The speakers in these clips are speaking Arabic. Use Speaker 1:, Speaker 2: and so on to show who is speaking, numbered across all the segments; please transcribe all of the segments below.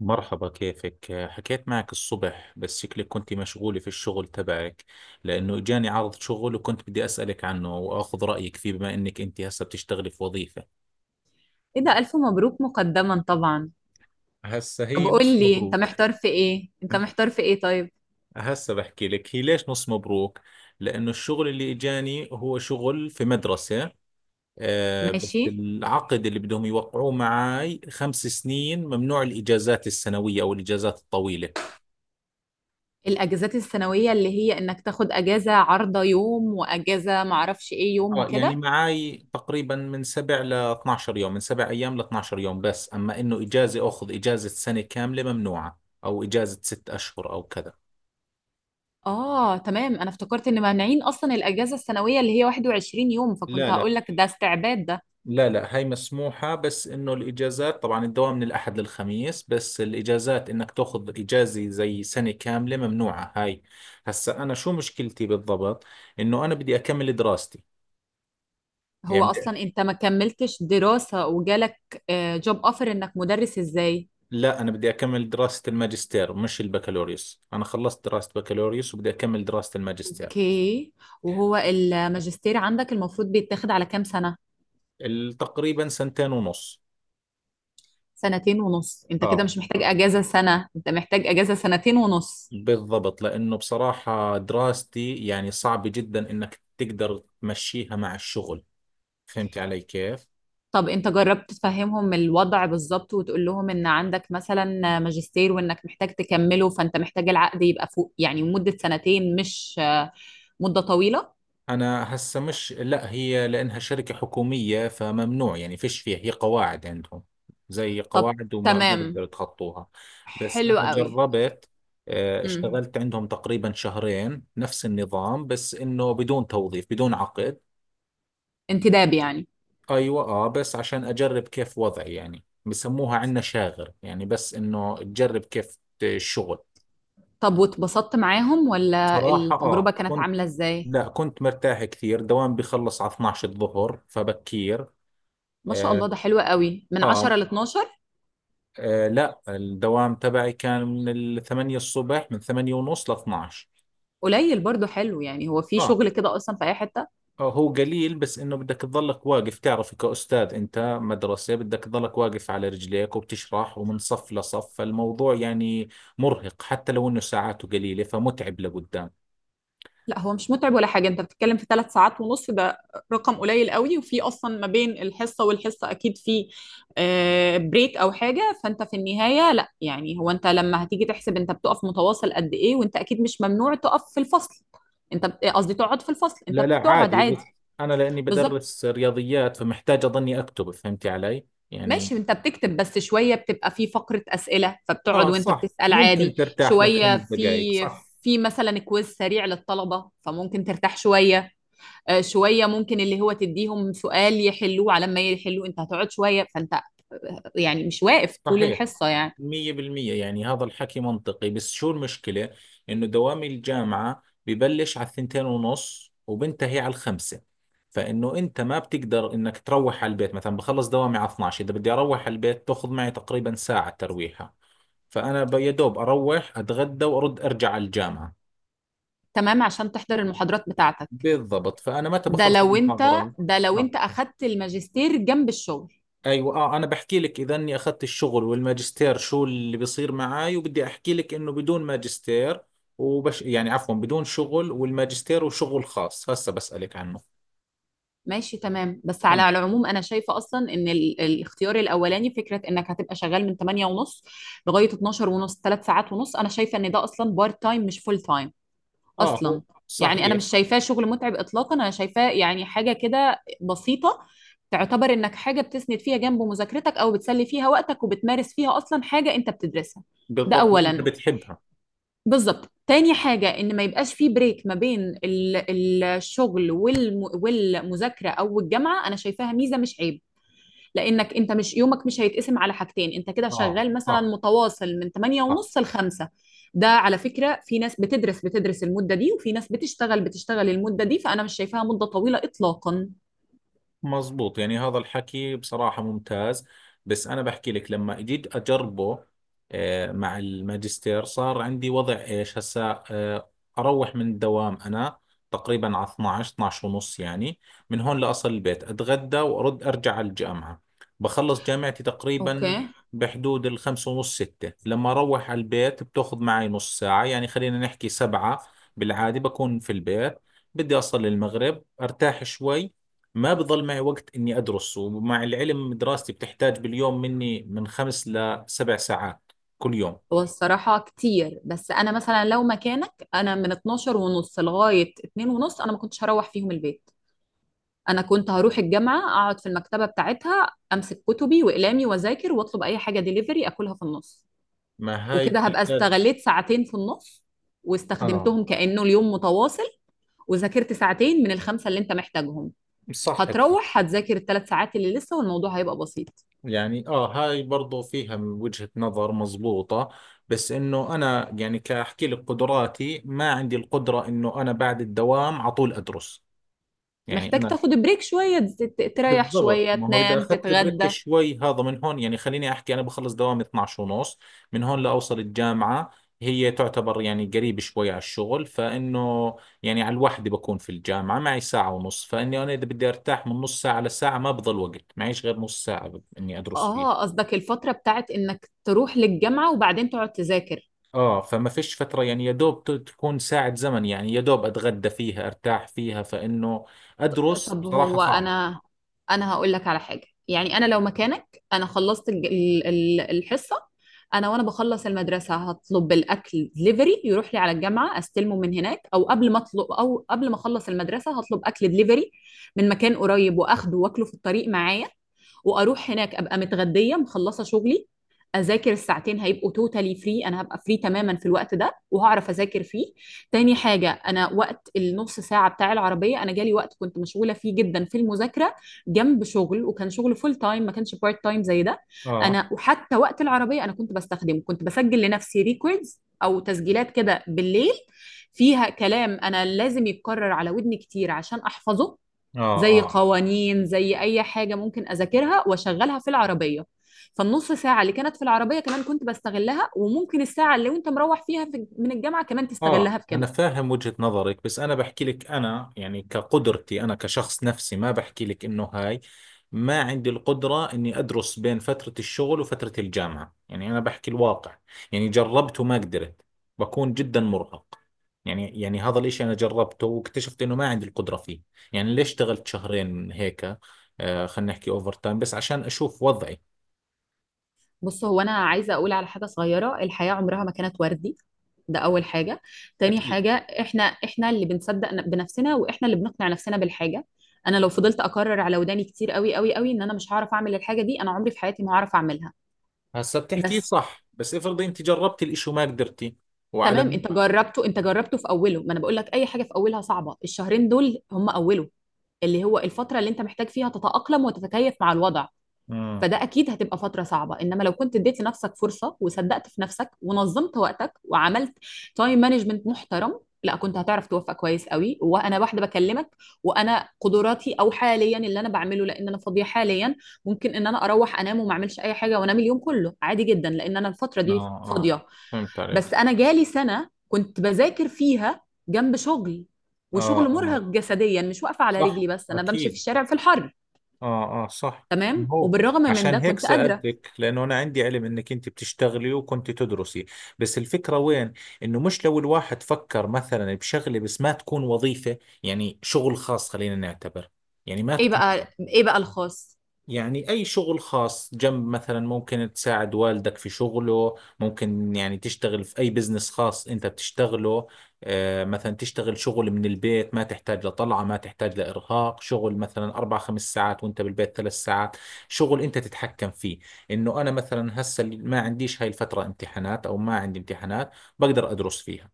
Speaker 1: مرحبا، كيفك؟ حكيت معك الصبح، بس شكلك كنت مشغولة في الشغل تبعك لأنه جاني عرض شغل وكنت بدي أسألك عنه وأخذ رأيك فيه، بما إنك أنت هسه بتشتغلي في وظيفة.
Speaker 2: ايه، ده الف مبروك مقدما طبعا.
Speaker 1: هسه
Speaker 2: طب
Speaker 1: هي
Speaker 2: قول
Speaker 1: نص
Speaker 2: لي، انت
Speaker 1: مبروك.
Speaker 2: محتار في ايه انت محتار في ايه طيب.
Speaker 1: هسه بحكي لك هي ليش نص مبروك؟ لأنه الشغل اللي إجاني هو شغل في مدرسة. آه، بس
Speaker 2: ماشي.
Speaker 1: العقد اللي بدهم يوقعوه معي 5 سنين ممنوع الإجازات السنوية أو الإجازات الطويلة.
Speaker 2: الاجازات السنويه اللي هي انك تاخد اجازه عارضه يوم، واجازه معرفش ايه يوم،
Speaker 1: اه، يعني
Speaker 2: وكده.
Speaker 1: معاي تقريبا من 7 ل 12 يوم، من 7 ايام ل 12 يوم. بس اما انه اجازة اخذ اجازة سنة كاملة ممنوعة، او اجازة 6 اشهر او كذا.
Speaker 2: اه، تمام، انا افتكرت ان مانعين اصلا الاجازه السنويه اللي هي 21 يوم، فكنت
Speaker 1: لا.
Speaker 2: هقول لك ده استعباد ده.
Speaker 1: لا، هاي مسموحة. بس انه الاجازات، طبعا الدوام من الاحد للخميس، بس الاجازات انك تاخذ اجازة زي سنة كاملة ممنوعة هاي. هسا انا شو مشكلتي بالضبط؟ انه انا بدي اكمل دراستي.
Speaker 2: هو
Speaker 1: يعني بدي-
Speaker 2: اصلا انت ما كملتش دراسه وجالك جوب اوفر انك مدرس ازاي؟
Speaker 1: لا، انا بدي اكمل دراسة الماجستير مش البكالوريوس. انا خلصت دراسة بكالوريوس وبدي اكمل دراسة الماجستير.
Speaker 2: اوكي. وهو الماجستير عندك المفروض بيتاخد على كام سنه؟
Speaker 1: تقريبا سنتين ونص.
Speaker 2: سنتين ونص؟ انت كده
Speaker 1: اه،
Speaker 2: مش محتاج اجازة سنة، انت محتاج اجازة سنتين ونص.
Speaker 1: بالضبط. لأنه بصراحة دراستي يعني صعب جدا إنك تقدر تمشيها مع الشغل. فهمت علي كيف؟
Speaker 2: طب انت جربت تفهمهم الوضع بالظبط، وتقول لهم ان عندك مثلا ماجستير، وانك محتاج تكمله، فانت محتاج العقد يبقى فوق يعني مدة سنتين، مش مدة طويلة.
Speaker 1: أنا هسه مش، لا، هي لأنها شركة حكومية، فممنوع يعني فيش فيها، هي قواعد عندهم زي
Speaker 2: طب.
Speaker 1: قواعد وما ما بقدر
Speaker 2: تمام.
Speaker 1: يتخطوها. بس
Speaker 2: حلو
Speaker 1: أنا
Speaker 2: قوي.
Speaker 1: جربت.
Speaker 2: امم
Speaker 1: اشتغلت عندهم تقريبا شهرين نفس النظام، بس إنه بدون توظيف بدون عقد.
Speaker 2: انتداب يعني؟
Speaker 1: ايوه، اه بس عشان اجرب كيف وضعي. يعني بسموها عندنا شاغر، يعني بس انه تجرب كيف الشغل.
Speaker 2: طب واتبسطت معاهم ولا
Speaker 1: صراحة
Speaker 2: التجربة
Speaker 1: اه
Speaker 2: كانت
Speaker 1: كنت،
Speaker 2: عاملة ازاي؟
Speaker 1: لا كنت مرتاح كثير. دوام بخلص على 12 الظهر، فبكير.
Speaker 2: ما شاء
Speaker 1: آه,
Speaker 2: الله، ده حلو قوي، من 10
Speaker 1: آه,
Speaker 2: ل 12.
Speaker 1: آه، لا الدوام تبعي كان من الثمانية الصبح، من ثمانية ونص ل 12.
Speaker 2: قليل برضو. حلو يعني، هو في
Speaker 1: اه،
Speaker 2: شغل كده اصلا في اي حتة؟
Speaker 1: هو قليل بس انه بدك تظلك واقف، تعرف كأستاذ، انت مدرسة بدك تظلك واقف على رجليك وبتشرح ومن صف لصف، فالموضوع يعني مرهق حتى لو انه ساعاته قليلة، فمتعب لقدام.
Speaker 2: لا، هو مش متعب ولا حاجة. انت بتتكلم في 3 ساعات ونص، ده رقم قليل قوي، وفي اصلا ما بين الحصة والحصة اكيد في بريك او حاجة. فانت في النهاية، لا، يعني هو انت لما هتيجي تحسب انت بتقف متواصل قد ايه؟ وانت اكيد مش ممنوع تقف في الفصل. قصدي تقعد في الفصل، انت
Speaker 1: لا،
Speaker 2: بتقعد
Speaker 1: عادي،
Speaker 2: عادي.
Speaker 1: بس انا لاني
Speaker 2: بالظبط.
Speaker 1: بدرس رياضيات فمحتاج اظني اكتب، فهمتي علي يعني.
Speaker 2: ماشي، انت بتكتب بس شوية، بتبقى في فقرة اسئلة فبتقعد
Speaker 1: اه
Speaker 2: وانت
Speaker 1: صح،
Speaker 2: بتسأل
Speaker 1: ممكن
Speaker 2: عادي،
Speaker 1: ترتاح لك
Speaker 2: شوية
Speaker 1: 5 دقائق،
Speaker 2: في
Speaker 1: صح.
Speaker 2: في مثلا كويز سريع للطلبة فممكن ترتاح شوية. شويه، ممكن اللي هو تديهم سؤال يحلوه، على ما يحلوه انت هتقعد شويه، فانت يعني مش واقف طول
Speaker 1: صحيح.
Speaker 2: الحصه يعني.
Speaker 1: 100%، يعني هذا الحكي منطقي. بس شو المشكلة؟ إنه دوام الجامعة ببلش على الثنتين ونص وبنتهي على الخمسة، فإنه أنت ما بتقدر إنك تروح على البيت مثلا. بخلص دوامي على 12، إذا بدي أروح على البيت تأخذ معي تقريبا ساعة ترويحة، فأنا يا دوب أروح أتغدى وأرد أرجع على الجامعة.
Speaker 2: تمام، عشان تحضر المحاضرات بتاعتك.
Speaker 1: بالضبط، فأنا متى
Speaker 2: ده
Speaker 1: بخلص
Speaker 2: لو انت
Speaker 1: المحاضرات؟
Speaker 2: ده لو
Speaker 1: آه.
Speaker 2: انت اخدت الماجستير جنب الشغل.
Speaker 1: ايوه، اه انا بحكي لك اذا اني اخذت الشغل والماجستير شو اللي بيصير معاي، وبدي احكي لك انه بدون ماجستير وبش يعني عفوا، بدون شغل، والماجستير وشغل خاص هسه بسألك عنه.
Speaker 2: ماشي، تمام، بس
Speaker 1: تمام.
Speaker 2: على العموم انا شايفه اصلا ان الاختيار الاولاني، فكره انك هتبقى شغال من 8 ونص لغايه 12 ونص، 3 ساعات ونص، انا شايفه ان ده اصلا بارت تايم مش فول تايم
Speaker 1: اه، هو
Speaker 2: اصلا. يعني انا
Speaker 1: صحيح،
Speaker 2: مش شايفاه شغل متعب اطلاقا، انا شايفاه يعني حاجه كده بسيطه، تعتبر انك حاجه بتسند فيها جنب مذاكرتك، او بتسلي فيها وقتك، وبتمارس فيها اصلا حاجه انت بتدرسها. ده
Speaker 1: بالضبط، وانت
Speaker 2: اولا.
Speaker 1: بتحبها.
Speaker 2: بالظبط. تاني حاجه ان ما يبقاش في بريك ما بين الشغل والمذاكره او الجامعه. انا شايفاها ميزه مش عيب، لانك انت مش يومك مش هيتقسم على حاجتين، انت كده
Speaker 1: اه
Speaker 2: شغال مثلا
Speaker 1: صح،
Speaker 2: متواصل من 8
Speaker 1: صح،
Speaker 2: ونص ل 5. ده على فكرة في ناس بتدرس المدة دي، وفي ناس بتشتغل المدة دي، فانا مش شايفاها مدة طويلة اطلاقا.
Speaker 1: مزبوط. يعني هذا الحكي بصراحة ممتاز. بس أنا بحكي لك لما جيت أجربه، مع الماجستير صار عندي وضع إيش هسا. أروح من الدوام أنا تقريبا على 12، 12 ونص يعني. من هون لأصل البيت أتغدى وأرد أرجع على الجامعة. بخلص جامعتي تقريبا
Speaker 2: اوكي.
Speaker 1: بحدود الخمسة ونص، ستة. لما أروح على البيت بتأخذ معي نص ساعة، يعني خلينا نحكي سبعة بالعادة بكون في البيت. بدي أصل المغرب أرتاح شوي. ما بضل معي وقت إني أدرس، ومع العلم دراستي بتحتاج باليوم مني من 5 ل7 ساعات كل يوم.
Speaker 2: هو الصراحة كتير، بس انا مثلا لو مكانك، انا من 12 ونص لغاية 2 ونص انا ما كنتش هروح فيهم البيت، انا كنت هروح الجامعة اقعد في المكتبة بتاعتها، امسك كتبي واقلامي واذاكر، واطلب اي حاجة ديليفري اكلها في النص.
Speaker 1: ما هاي
Speaker 2: وكده هبقى
Speaker 1: بتحتاج.
Speaker 2: استغليت ساعتين في النص،
Speaker 1: آه
Speaker 2: واستخدمتهم كأنه اليوم متواصل، وذاكرت ساعتين من الخمسة اللي انت محتاجهم.
Speaker 1: صح بك.
Speaker 2: هتروح هتذاكر ال3 ساعات اللي لسه، والموضوع هيبقى بسيط.
Speaker 1: يعني آه، هاي برضو فيها من وجهة نظر مزبوطة، بس إنه أنا يعني كأحكي لك قدراتي ما عندي القدرة إنه أنا بعد الدوام على طول أدرس. يعني
Speaker 2: محتاج
Speaker 1: أنا،
Speaker 2: تاخد بريك شوية، تريح
Speaker 1: بالضبط.
Speaker 2: شوية،
Speaker 1: ما هو اذا
Speaker 2: تنام،
Speaker 1: اخذت البريك
Speaker 2: تتغدى.
Speaker 1: شوي، هذا من هون يعني خليني احكي، انا بخلص دوامي 12 ونص. من هون لاوصل الجامعه، هي تعتبر يعني قريب شوي على الشغل، فانه يعني على الوحده بكون في الجامعه، معي ساعه ونص، فاني انا اذا بدي ارتاح من نص ساعه لساعه ما بضل وقت معيش غير نص ساعه اني ادرس
Speaker 2: اه،
Speaker 1: فيه.
Speaker 2: قصدك الفترة بتاعت انك تروح للجامعة وبعدين تقعد تذاكر.
Speaker 1: اه، فما فيش فتره، يعني يا دوب تكون ساعه زمن، يعني يا دوب اتغدى فيها ارتاح فيها، فانه ادرس
Speaker 2: طب
Speaker 1: بصراحه
Speaker 2: هو
Speaker 1: صعب.
Speaker 2: انا هقول لك على حاجه، يعني انا لو مكانك، انا خلصت الحصه، انا وانا بخلص المدرسه هطلب الاكل دليفري يروح لي على الجامعه استلمه من هناك، او قبل ما اطلب، او قبل ما اخلص المدرسه هطلب اكل دليفري من مكان قريب واخده واكله في الطريق معايا، واروح هناك ابقى متغديه مخلصه شغلي، اذاكر الساعتين، هيبقوا توتالي فري، انا هبقى فري تماما في الوقت ده وهعرف اذاكر فيه. تاني حاجه، انا وقت النص ساعة بتاع العربية، أنا جالي وقت كنت مشغولة فيه جدا في المذاكرة جنب شغل، وكان شغل فول تايم ما كانش بارت تايم زي ده.
Speaker 1: اه
Speaker 2: أنا وحتى وقت العربية أنا كنت بستخدمه، كنت بسجل لنفسي ريكوردز أو تسجيلات كده بالليل، فيها كلام أنا لازم يتكرر على ودني كتير عشان أحفظه،
Speaker 1: اه.
Speaker 2: زي
Speaker 1: اه
Speaker 2: قوانين، زي أي حاجة ممكن أذاكرها وأشغلها في العربية. فالنص ساعة اللي كانت في العربية كمان كنت بستغلها، وممكن الساعة اللي وانت مروح فيها في من الجامعة كمان تستغلها
Speaker 1: اه
Speaker 2: في
Speaker 1: انا
Speaker 2: كده.
Speaker 1: فاهم وجهة نظرك، بس انا بحكي لك انا يعني كقدرتي انا كشخص نفسي، ما بحكي لك انه هاي، ما عندي القدرة اني ادرس بين فترة الشغل وفترة الجامعة. يعني انا بحكي الواقع، يعني جربت وما قدرت. بكون جدا مرهق. يعني هذا الاشي انا جربته واكتشفت انه ما عندي القدرة فيه. يعني ليش اشتغلت شهرين هيك؟ آه، خلينا نحكي اوفر تايم بس عشان اشوف وضعي.
Speaker 2: بص، هو انا عايزه اقول على حاجه صغيره، الحياه عمرها ما كانت وردي، ده اول حاجه. تاني
Speaker 1: اكيد.
Speaker 2: حاجه، احنا اللي بنصدق بنفسنا، واحنا اللي بنقنع نفسنا بالحاجه. انا لو فضلت اكرر على وداني كتير قوي قوي قوي ان انا مش هعرف اعمل الحاجه دي، انا عمري في حياتي ما هعرف اعملها.
Speaker 1: هسا بتحكي
Speaker 2: بس
Speaker 1: صح، بس افرضي انت جربتي الاشي وما قدرتي وعلى.
Speaker 2: تمام، انت جربته في اوله، ما انا بقول لك اي حاجه في اولها صعبه، الشهرين دول هم اوله، اللي هو الفتره اللي انت محتاج فيها تتاقلم وتتكيف مع الوضع،
Speaker 1: مم.
Speaker 2: فده اكيد هتبقى فتره صعبه. انما لو كنت اديت لنفسك فرصه، وصدقت في نفسك، ونظمت وقتك، وعملت تايم مانجمنت محترم، لا كنت هتعرف توفق كويس قوي. وانا واحده بكلمك، وانا قدراتي او حاليا اللي انا بعمله، لان انا فاضيه حاليا، ممكن ان انا اروح انام وما اعملش اي حاجه وانام اليوم كله عادي جدا، لان انا الفتره
Speaker 1: اه
Speaker 2: دي
Speaker 1: اه
Speaker 2: فاضيه.
Speaker 1: فهمت عليك.
Speaker 2: بس انا جالي سنه كنت بذاكر فيها جنب شغل،
Speaker 1: اه
Speaker 2: وشغل
Speaker 1: اه
Speaker 2: مرهق جسديا، مش واقفه على رجلي
Speaker 1: صح،
Speaker 2: بس، انا بمشي في
Speaker 1: اكيد.
Speaker 2: الشارع في الحر.
Speaker 1: اه، صح. ما
Speaker 2: تمام،
Speaker 1: هو
Speaker 2: وبالرغم من
Speaker 1: عشان
Speaker 2: ده
Speaker 1: هيك
Speaker 2: كنت قادره.
Speaker 1: سألتك، لأنه أنا عندي علم إنك أنت بتشتغلي وكنت تدرسي. بس الفكرة وين؟ إنه مش لو الواحد فكر مثلا بشغلة بس ما تكون وظيفة، يعني شغل خاص خلينا نعتبر، يعني ما
Speaker 2: ايه
Speaker 1: تكون،
Speaker 2: بقى ايه بقى الخاص؟
Speaker 1: يعني أي شغل خاص جنب، مثلا ممكن تساعد والدك في شغله، ممكن يعني تشتغل في أي بزنس خاص أنت بتشتغله. مثلا تشتغل شغل من البيت ما تحتاج لطلعة، ما تحتاج لإرهاق. شغل مثلا أربع خمس ساعات وأنت بالبيت 3 ساعات، شغل أنت تتحكم فيه. إنه أنا مثلا هسه ما عنديش هاي الفترة امتحانات، أو ما عندي امتحانات بقدر أدرس فيها.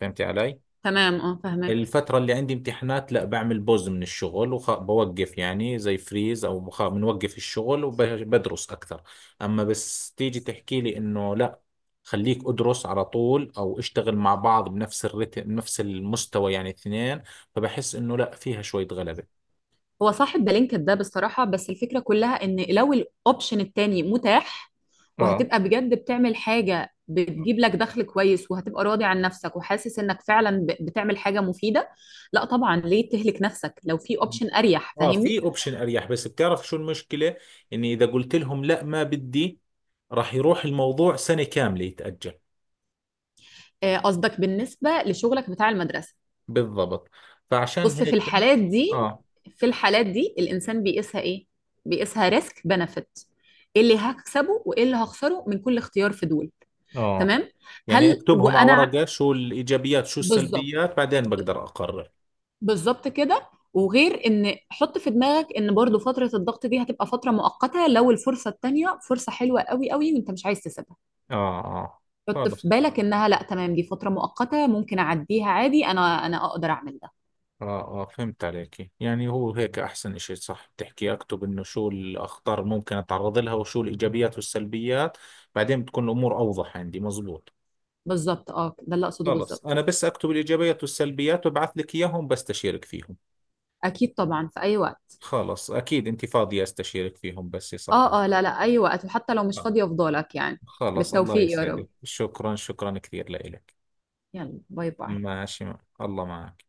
Speaker 1: فهمتي علي؟
Speaker 2: تمام، اه، فاهمك.
Speaker 1: الفترة اللي عندي امتحانات لا، بعمل بوز من الشغل وبوقف، يعني زي فريز او بنوقف الشغل وبدرس اكثر. اما بس تيجي تحكي لي انه لا، خليك ادرس على طول او اشتغل مع بعض بنفس الرتم نفس المستوى، يعني اثنين، فبحس انه لا، فيها شوية غلبة.
Speaker 2: هو صاحب بلينكد ده بصراحة، بس الفكرة كلها ان لو الاوبشن التاني متاح،
Speaker 1: اه
Speaker 2: وهتبقى بجد بتعمل حاجة بتجيب لك دخل كويس، وهتبقى راضي عن نفسك، وحاسس انك فعلا بتعمل حاجة مفيدة، لا طبعا ليه تهلك نفسك لو في اوبشن اريح،
Speaker 1: اه، في
Speaker 2: فاهمني؟
Speaker 1: اوبشن اريح. بس بتعرف شو المشكلة؟ اني اذا قلت لهم لا ما بدي، راح يروح الموضوع سنة كاملة يتأجل.
Speaker 2: قصدك بالنسبة لشغلك بتاع المدرسة.
Speaker 1: بالضبط، فعشان
Speaker 2: بص، في
Speaker 1: هيك.
Speaker 2: الحالات دي
Speaker 1: اه
Speaker 2: في الحالات دي الانسان بيقيسها ايه؟ بيقيسها ريسك بنفيت، ايه اللي هكسبه وايه اللي هخسره من كل اختيار في دول.
Speaker 1: اه،
Speaker 2: تمام.
Speaker 1: يعني
Speaker 2: هل
Speaker 1: اكتبهم على
Speaker 2: وانا
Speaker 1: ورقة، شو الإيجابيات شو
Speaker 2: بالظبط،
Speaker 1: السلبيات، بعدين بقدر أقرر.
Speaker 2: بالظبط كده. وغير ان حط في دماغك ان برضو فترة الضغط دي هتبقى فترة مؤقتة، لو الفرصة التانية فرصة حلوة قوي قوي وانت مش عايز تسيبها،
Speaker 1: آه.
Speaker 2: حط في
Speaker 1: خلص.
Speaker 2: بالك انها، لا، تمام، دي فترة مؤقتة ممكن اعديها عادي، انا اقدر اعمل ده.
Speaker 1: آه، فهمت عليك. يعني هو هيك أحسن إشي، صح بتحكي أكتب إنه شو الأخطار اللي ممكن أتعرض لها وشو الإيجابيات والسلبيات، بعدين بتكون الأمور أوضح عندي. مزبوط.
Speaker 2: بالظبط، اه، ده اللي اقصده
Speaker 1: خلص،
Speaker 2: بالظبط.
Speaker 1: أنا بس أكتب الإيجابيات والسلبيات وببعث لك إياهم بستشيرك فيهم.
Speaker 2: اكيد طبعا، في اي وقت.
Speaker 1: خلص، أكيد أنت فاضية أستشيرك فيهم، بس صح؟
Speaker 2: اه، اه، لا، لا، اي وقت، وحتى لو مش فاضية افضلك يعني.
Speaker 1: خلص، الله
Speaker 2: بالتوفيق يا رب.
Speaker 1: يسعدك. شكرا، شكرا كثير لإلك.
Speaker 2: يلا، باي باي.
Speaker 1: ماشي. الله معك.